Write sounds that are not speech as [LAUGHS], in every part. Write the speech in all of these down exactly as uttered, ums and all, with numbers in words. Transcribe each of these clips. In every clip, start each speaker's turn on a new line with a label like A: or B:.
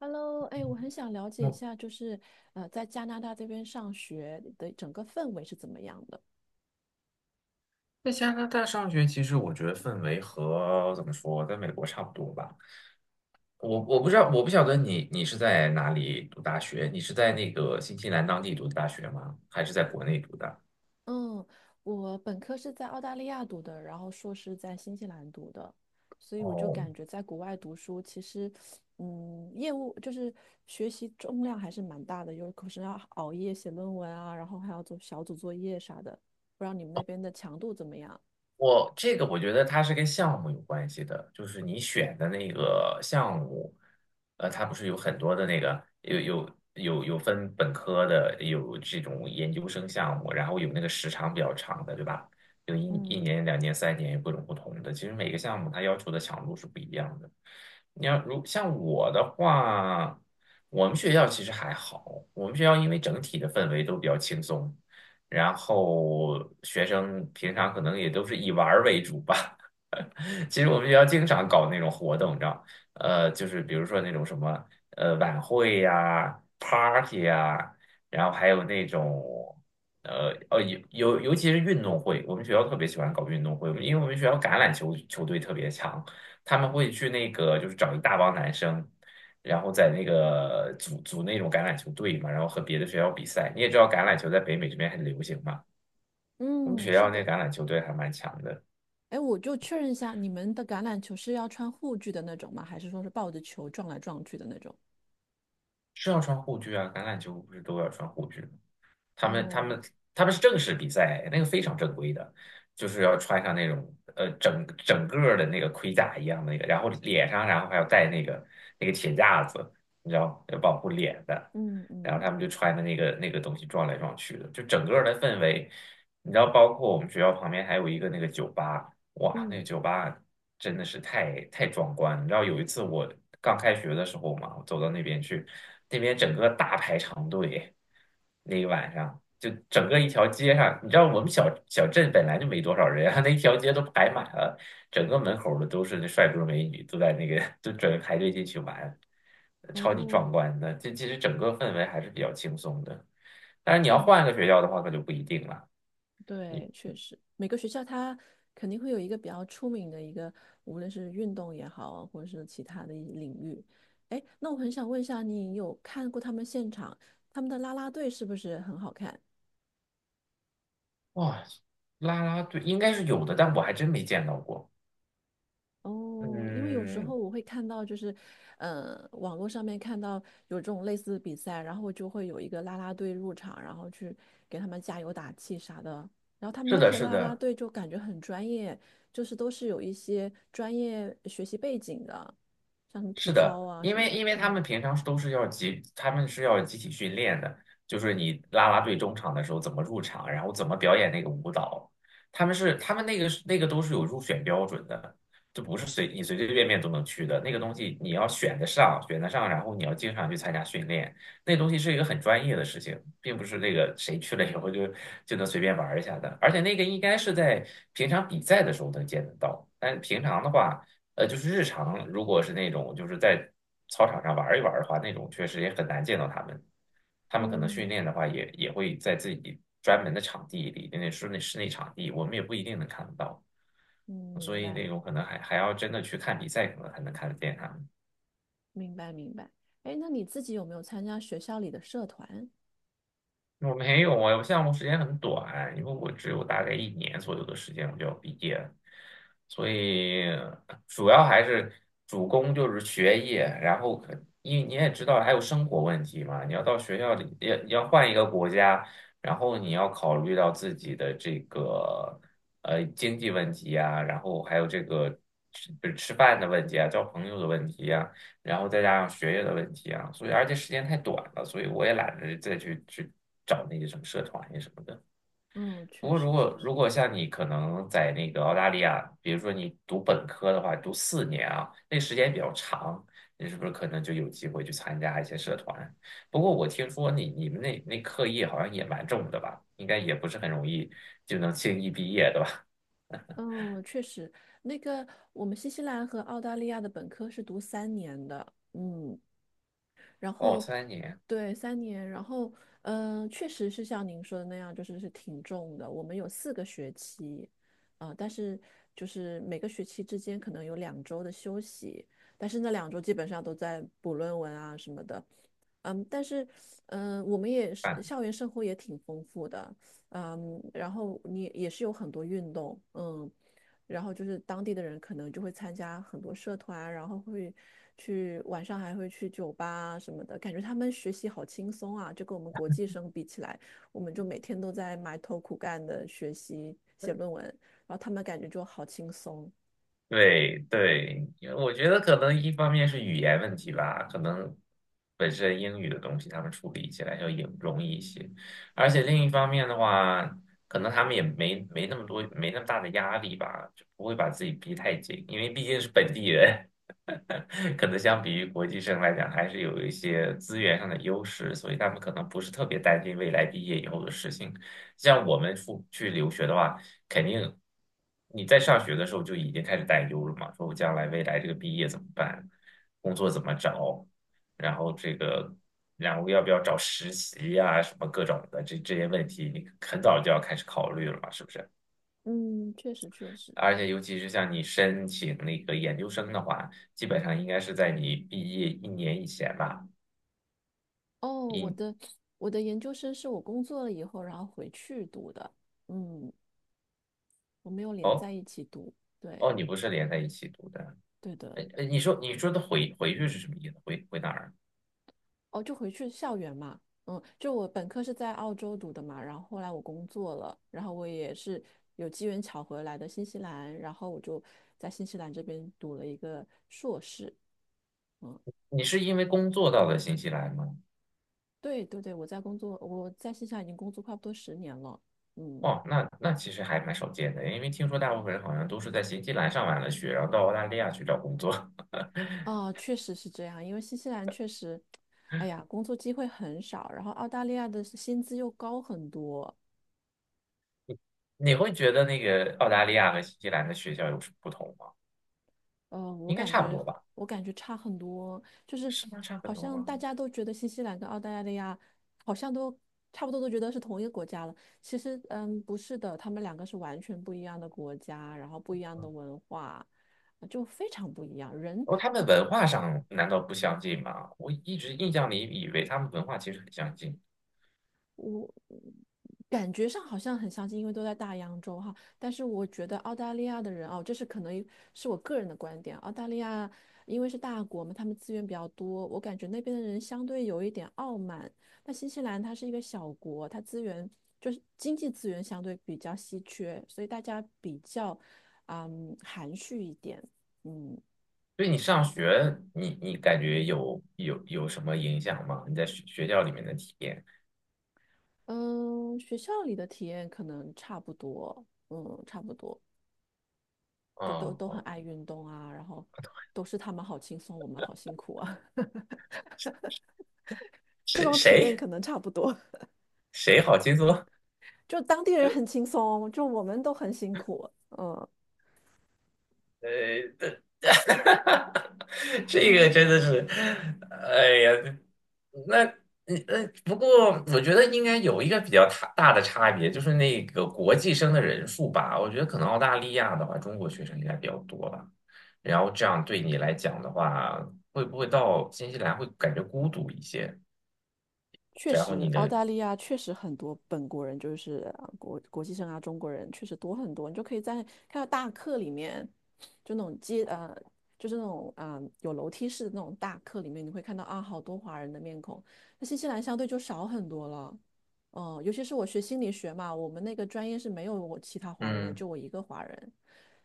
A: Hello，哎，我很想了解一
B: 嗯，
A: 下，就是呃，在加拿大这边上学的整个氛围是怎么样的？
B: 在加拿大上学，其实我觉得氛围和怎么说，在美国差不多吧。我我不知道，我不晓得你你是在哪里读大学？你是在那个新西兰当地读的大学吗？还是在国内读的？
A: 嗯，我本科是在澳大利亚读的，然后硕士在新西兰读的，所以我就
B: 哦，
A: 感觉在国外读书，其实，嗯，业务就是学习重量还是蛮大的，有可是要熬夜写论文啊，然后还要做小组作业啥的，不知道你们那边的强度怎么样？
B: 我这个我觉得它是跟项目有关系的，就是你选的那个项目，呃，它不是有很多的那个有有有有分本科的，有这种研究生项目，然后有那个时长比较长的，对吧？有一一
A: 嗯
B: 年、两年、三年，有各种不同的。其实每个项目它要求的强度是不一样的。你要如像我的话，我们学校其实还好，我们学校因为整体的氛围都比较轻松。然后学生平常可能也都是以玩儿为主吧。[LAUGHS] 其实我们学校经常搞那种活动，你知道，呃，就是比如说那种什么呃晚会呀、party 呀，然后还有那种呃哦尤尤尤其是运动会，我们学校特别喜欢搞运动会，因为我们学校橄榄球球队特别强，他们会去那个就是找一大帮男生。然后在那个组组那种橄榄球队嘛，然后和别的学校比赛。你也知道橄榄球在北美这边很流行嘛，我们
A: 嗯，
B: 学
A: 是
B: 校那
A: 的。
B: 橄榄球队还蛮强的。
A: 哎，我就确认一下，你们的橄榄球是要穿护具的那种吗？还是说是抱着球撞来撞去的那种？
B: 是要穿护具啊，橄榄球不是都要穿护具吗？他们他
A: 哦，
B: 们他们是正式比赛，那个非常正规的，就是要穿上那种呃整整个儿的那个盔甲一样的那个，然后脸上然后还要戴那个那个铁架子，你知道，要保护脸的。
A: 嗯
B: 然后
A: 嗯
B: 他们就穿的那个那个东西撞来撞去的，就整个儿的氛围，你知道，包括我们学校旁边还有一个那个酒吧。哇，那个
A: 嗯，
B: 酒吧真的是太太壮观了，你知道有一次我刚开学的时候嘛，我走到那边去，那边整个大排长队。那个晚上就整个一条街上，你知道我们小小镇本来就没多少人啊，[LAUGHS] 那一条街都排满了，整个门口儿的都是那帅哥美女，都在那个 [LAUGHS] 都准备排队进去玩，超级壮
A: 哦，
B: 观的。这其实整个氛围还是比较轻松的，但是你要
A: 嗯，
B: 换个学校的话，可就不一定了。
A: 对，确实，每个学校它肯定会有一个比较出名的一个，无论是运动也好，或者是其他的一领域。哎，那我很想问一下，你有看过他们现场，他们的啦啦队是不是很好看？
B: 哇，啦啦队应该是有的，但我还真没见到过。
A: 哦，因为有时
B: 嗯，
A: 候我会看到，就是，呃，网络上面看到有这种类似的比赛，然后就会有一个啦啦队入场，然后去给他们加油打气啥的。然后他们
B: 是
A: 那
B: 的，
A: 些
B: 是
A: 啦啦
B: 的，
A: 队就感觉很专业，就是都是有一些专业学习背景的，像什么体
B: 是的，
A: 操啊
B: 因
A: 什么
B: 为
A: 的。
B: 因为他
A: 嗯
B: 们平常都是要集，他们是要集体训练的，就是你啦啦队中场的时候怎么入场，然后怎么表演那个舞蹈，他们是他们那个是那个都是有入选标准的，就不是随你随随便便都能去的，那个东西你要选得上，选得上，然后你要经常去参加训练。那东西是一个很专业的事情，并不是那个谁去了以后就就能随便玩儿一下的，而且那个应该是在平常比赛的时候能见得到，但平常的话，呃，就是日常如果是那种就是在操场上玩儿一玩儿的话，那种确实也很难见到他们。他们可能训
A: 嗯
B: 练的话也，也会在自己专门的场地里，那室内室内场地，我们也不一定能看得到。
A: 嗯，
B: 所
A: 明
B: 以
A: 白
B: 那种可能还还要真的去看比赛，可能才能看得见他们。
A: 明白明白。哎，那你自己有没有参加学校里的社团？
B: 我没有啊，我项目时间很短，因为我只有大概一年左右的时间我就要毕业了，所以主要还是主攻就是学业，然后可因为你也知道还有生活问题嘛，你要到学校里要要换一个国家，然后你要考虑到自己的这个呃经济问题呀，然后还有这个吃吃饭的问题啊，交朋友的问题，然后再加上学业的问题啊，所以而且时间太短了，所以我也懒得再去去找那些什么社团呀什么的。
A: 嗯，
B: 不
A: 确
B: 过如
A: 实确
B: 果
A: 实。
B: 如果像你可能在那个澳大利亚，比如说你读本科的话，读四年啊，那时间比较长，你是不是可能就有机会去参加一些社团？不过我听说你你们那那课业好像也蛮重的吧，应该也不是很容易就能轻易毕业的吧？
A: 嗯，确实，那个我们新西兰和澳大利亚的本科是读三年的，嗯，然
B: 哦，
A: 后
B: 三年。
A: 对三年，然后嗯、呃确实是像您说的那样，就是是挺重的。我们有四个学期，啊、但是就是每个学期之间可能有两周的休息，但是那两周基本上都在补论文啊什么的，嗯，但是嗯、呃我们也是校园生活也挺丰富的，嗯，然后你也是有很多运动，嗯。然后就是当地的人可能就会参加很多社团啊，然后会去晚上还会去酒吧啊什么的，感觉他们学习好轻松啊，就跟我们国际生比起来，我们就每天都在埋头苦干的学习写论文，然后他们感觉就好轻松。
B: 对对，因为我觉得可能一方面是语言问题吧，可能本身英语的东西他们处理起来要也容易一些，而且另一方面的话，可能他们也没没那么多没那么大的压力吧，就不会把自己逼太紧，因为毕竟是本地人。[LAUGHS] 可能相比于国际生来讲，还是有一些资源上的优势，所以他们可能不是特别担心未来毕业以后的事情。像我们出去留学的话，肯定你在上学的时候就已经开始担忧了嘛，说我将来未来这个毕业怎么办，工作怎么找，然后这个，然后要不要找实习呀、什么各种的这这些问题，你很早就要开始考虑了嘛，是不是？
A: 嗯，确实确实。
B: 而且尤其是像你申请那个研究生的话，基本上应该是在你毕业一年以前吧，
A: 哦，我
B: 一
A: 的我的研究生是我工作了以后，然后回去读的。嗯，我没有连
B: 哦。
A: 在一起读。对
B: 哦，你不是连在一起读的。
A: 对的。
B: 呃，呃，你说你说的回回去是什么意思？回回哪儿？
A: 哦，就回去校园嘛，嗯，就我本科是在澳洲读的嘛，然后后来我工作了，然后我也是有机缘巧合来的新西兰，然后我就在新西兰这边读了一个硕士，嗯，
B: 你是因为工作到了新西兰吗？
A: 对对对，我在工作，我在新西兰已经工作差不多十年了，嗯，
B: 哦，那那其实还蛮少见的，因为听说大部分人好像都是在新西兰上完了学，然后到澳大利亚去找工作。[LAUGHS]
A: 啊，确实是这样，因为新西兰确实，哎呀，工作机会很少，然后澳大利亚的薪资又高很多，
B: 你会觉得那个澳大利亚和新西兰的学校有什么不同吗？
A: 呃，我
B: 应该
A: 感
B: 差不
A: 觉
B: 多吧？
A: 我感觉差很多，就是
B: 是吗？差很
A: 好
B: 多
A: 像
B: 吗？
A: 大家都觉得新西兰跟澳大利亚好像都差不多，都觉得是同一个国家了。其实，嗯，不是的，他们两个是完全不一样的国家，然后不一样的文化，呃就非常不一样。人
B: 哦，他们文化上难道不相近吗？我一直印象里以为他们文化其实很相近。
A: 我感觉上好像很相近，因为都在大洋洲哈。但是我觉得澳大利亚的人哦，这是可能是我个人的观点。澳大利亚因为是大国嘛，他们资源比较多，我感觉那边的人相对有一点傲慢。那新西兰它是一个小国，它资源就是经济资源相对比较稀缺，所以大家比较嗯含蓄一点。嗯
B: 对你上学，你你感觉有有有什么影响吗？你在学学校里面的体验？
A: 嗯，学校里的体验可能差不多，嗯，差不多。都都
B: 哦。
A: 都很
B: 哦，
A: 爱运动啊，然后都是他们好轻松，我们好辛苦啊，[LAUGHS] 这
B: 谁
A: 种体验
B: 谁
A: 可能差不多。
B: 谁好轻松？
A: 就当地人很轻松，就我们都很辛苦。嗯
B: 呃，[LAUGHS] 这个
A: 嗯，
B: 真的是，哎呀。那呃，不过我觉得应该有一个比较大大的差别，就是那个国际生的人数吧。我觉得可能澳大利亚的话，中国学生应该比较多吧。然后这样对你来讲的话，会不会到新西兰会感觉孤独一些？
A: 确
B: 然后
A: 实，
B: 你
A: 澳
B: 的，
A: 大利亚确实很多本国人，就是呃国国际生啊，中国人确实多很多。你就可以在看到大课里面，就那种街呃，就是那种啊、呃有楼梯式的那种大课里面，你会看到啊好多华人的面孔。那新西兰相对就少很多了，嗯、尤其是我学心理学嘛，我们那个专业是没有我其他华人的，
B: 嗯，
A: 就我一个华人，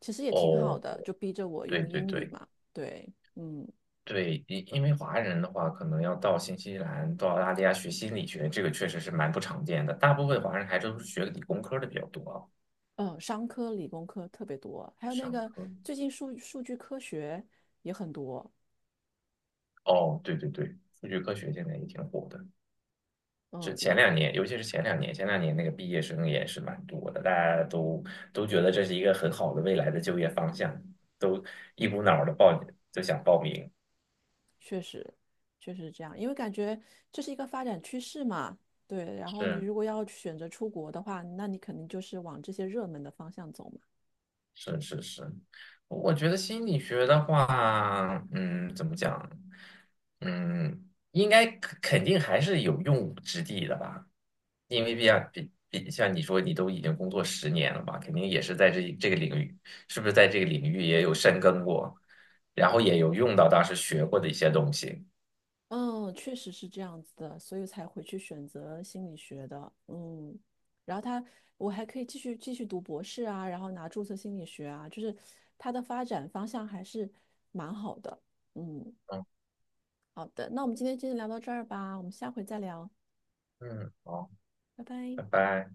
A: 其实也挺好
B: 哦，
A: 的，就逼着我
B: 对
A: 用
B: 对
A: 英语
B: 对。
A: 嘛，对，嗯。
B: 对，因因为华人的话，可能要到新西兰、到澳大利亚学心理学，这个确实是蛮不常见的。大部分华人还都是学理工科的比较多啊，
A: 嗯，商科、理工科特别多，还有那
B: 商
A: 个
B: 科。
A: 最近数数据科学也很多。
B: 哦，对对对，数据科学现在也挺火的。这
A: 嗯，因
B: 前
A: 为
B: 两年，尤其是前两年，前两年那个毕业生也是蛮多的，大家都都觉得这是一个很好的未来的就业方向，都一股脑的报，就想报名。
A: 确实确实是这样，因为感觉这是一个发展趋势嘛。对，然后你
B: 是，
A: 如果要选择出国的话，那你肯定就是往这些热门的方向走嘛。
B: 是是是，我觉得心理学的话，嗯，怎么讲，嗯，应该肯肯定还是有用武之地的吧，因为比竟比比像你说你都已经工作十年了吧，肯定也是在这这个领域，是不是在这个领域也有深耕过，然后也有用到当时学过的一些东西。
A: 嗯，确实是这样子的，所以才回去选择心理学的。嗯，然后他，我还可以继续继续读博士啊，然后拿注册心理学啊，就是它的发展方向还是蛮好的。嗯。
B: 嗯
A: 好的，那我们今天就聊到这儿吧，我们下回再聊，
B: 嗯，好，
A: 拜拜。
B: 拜拜。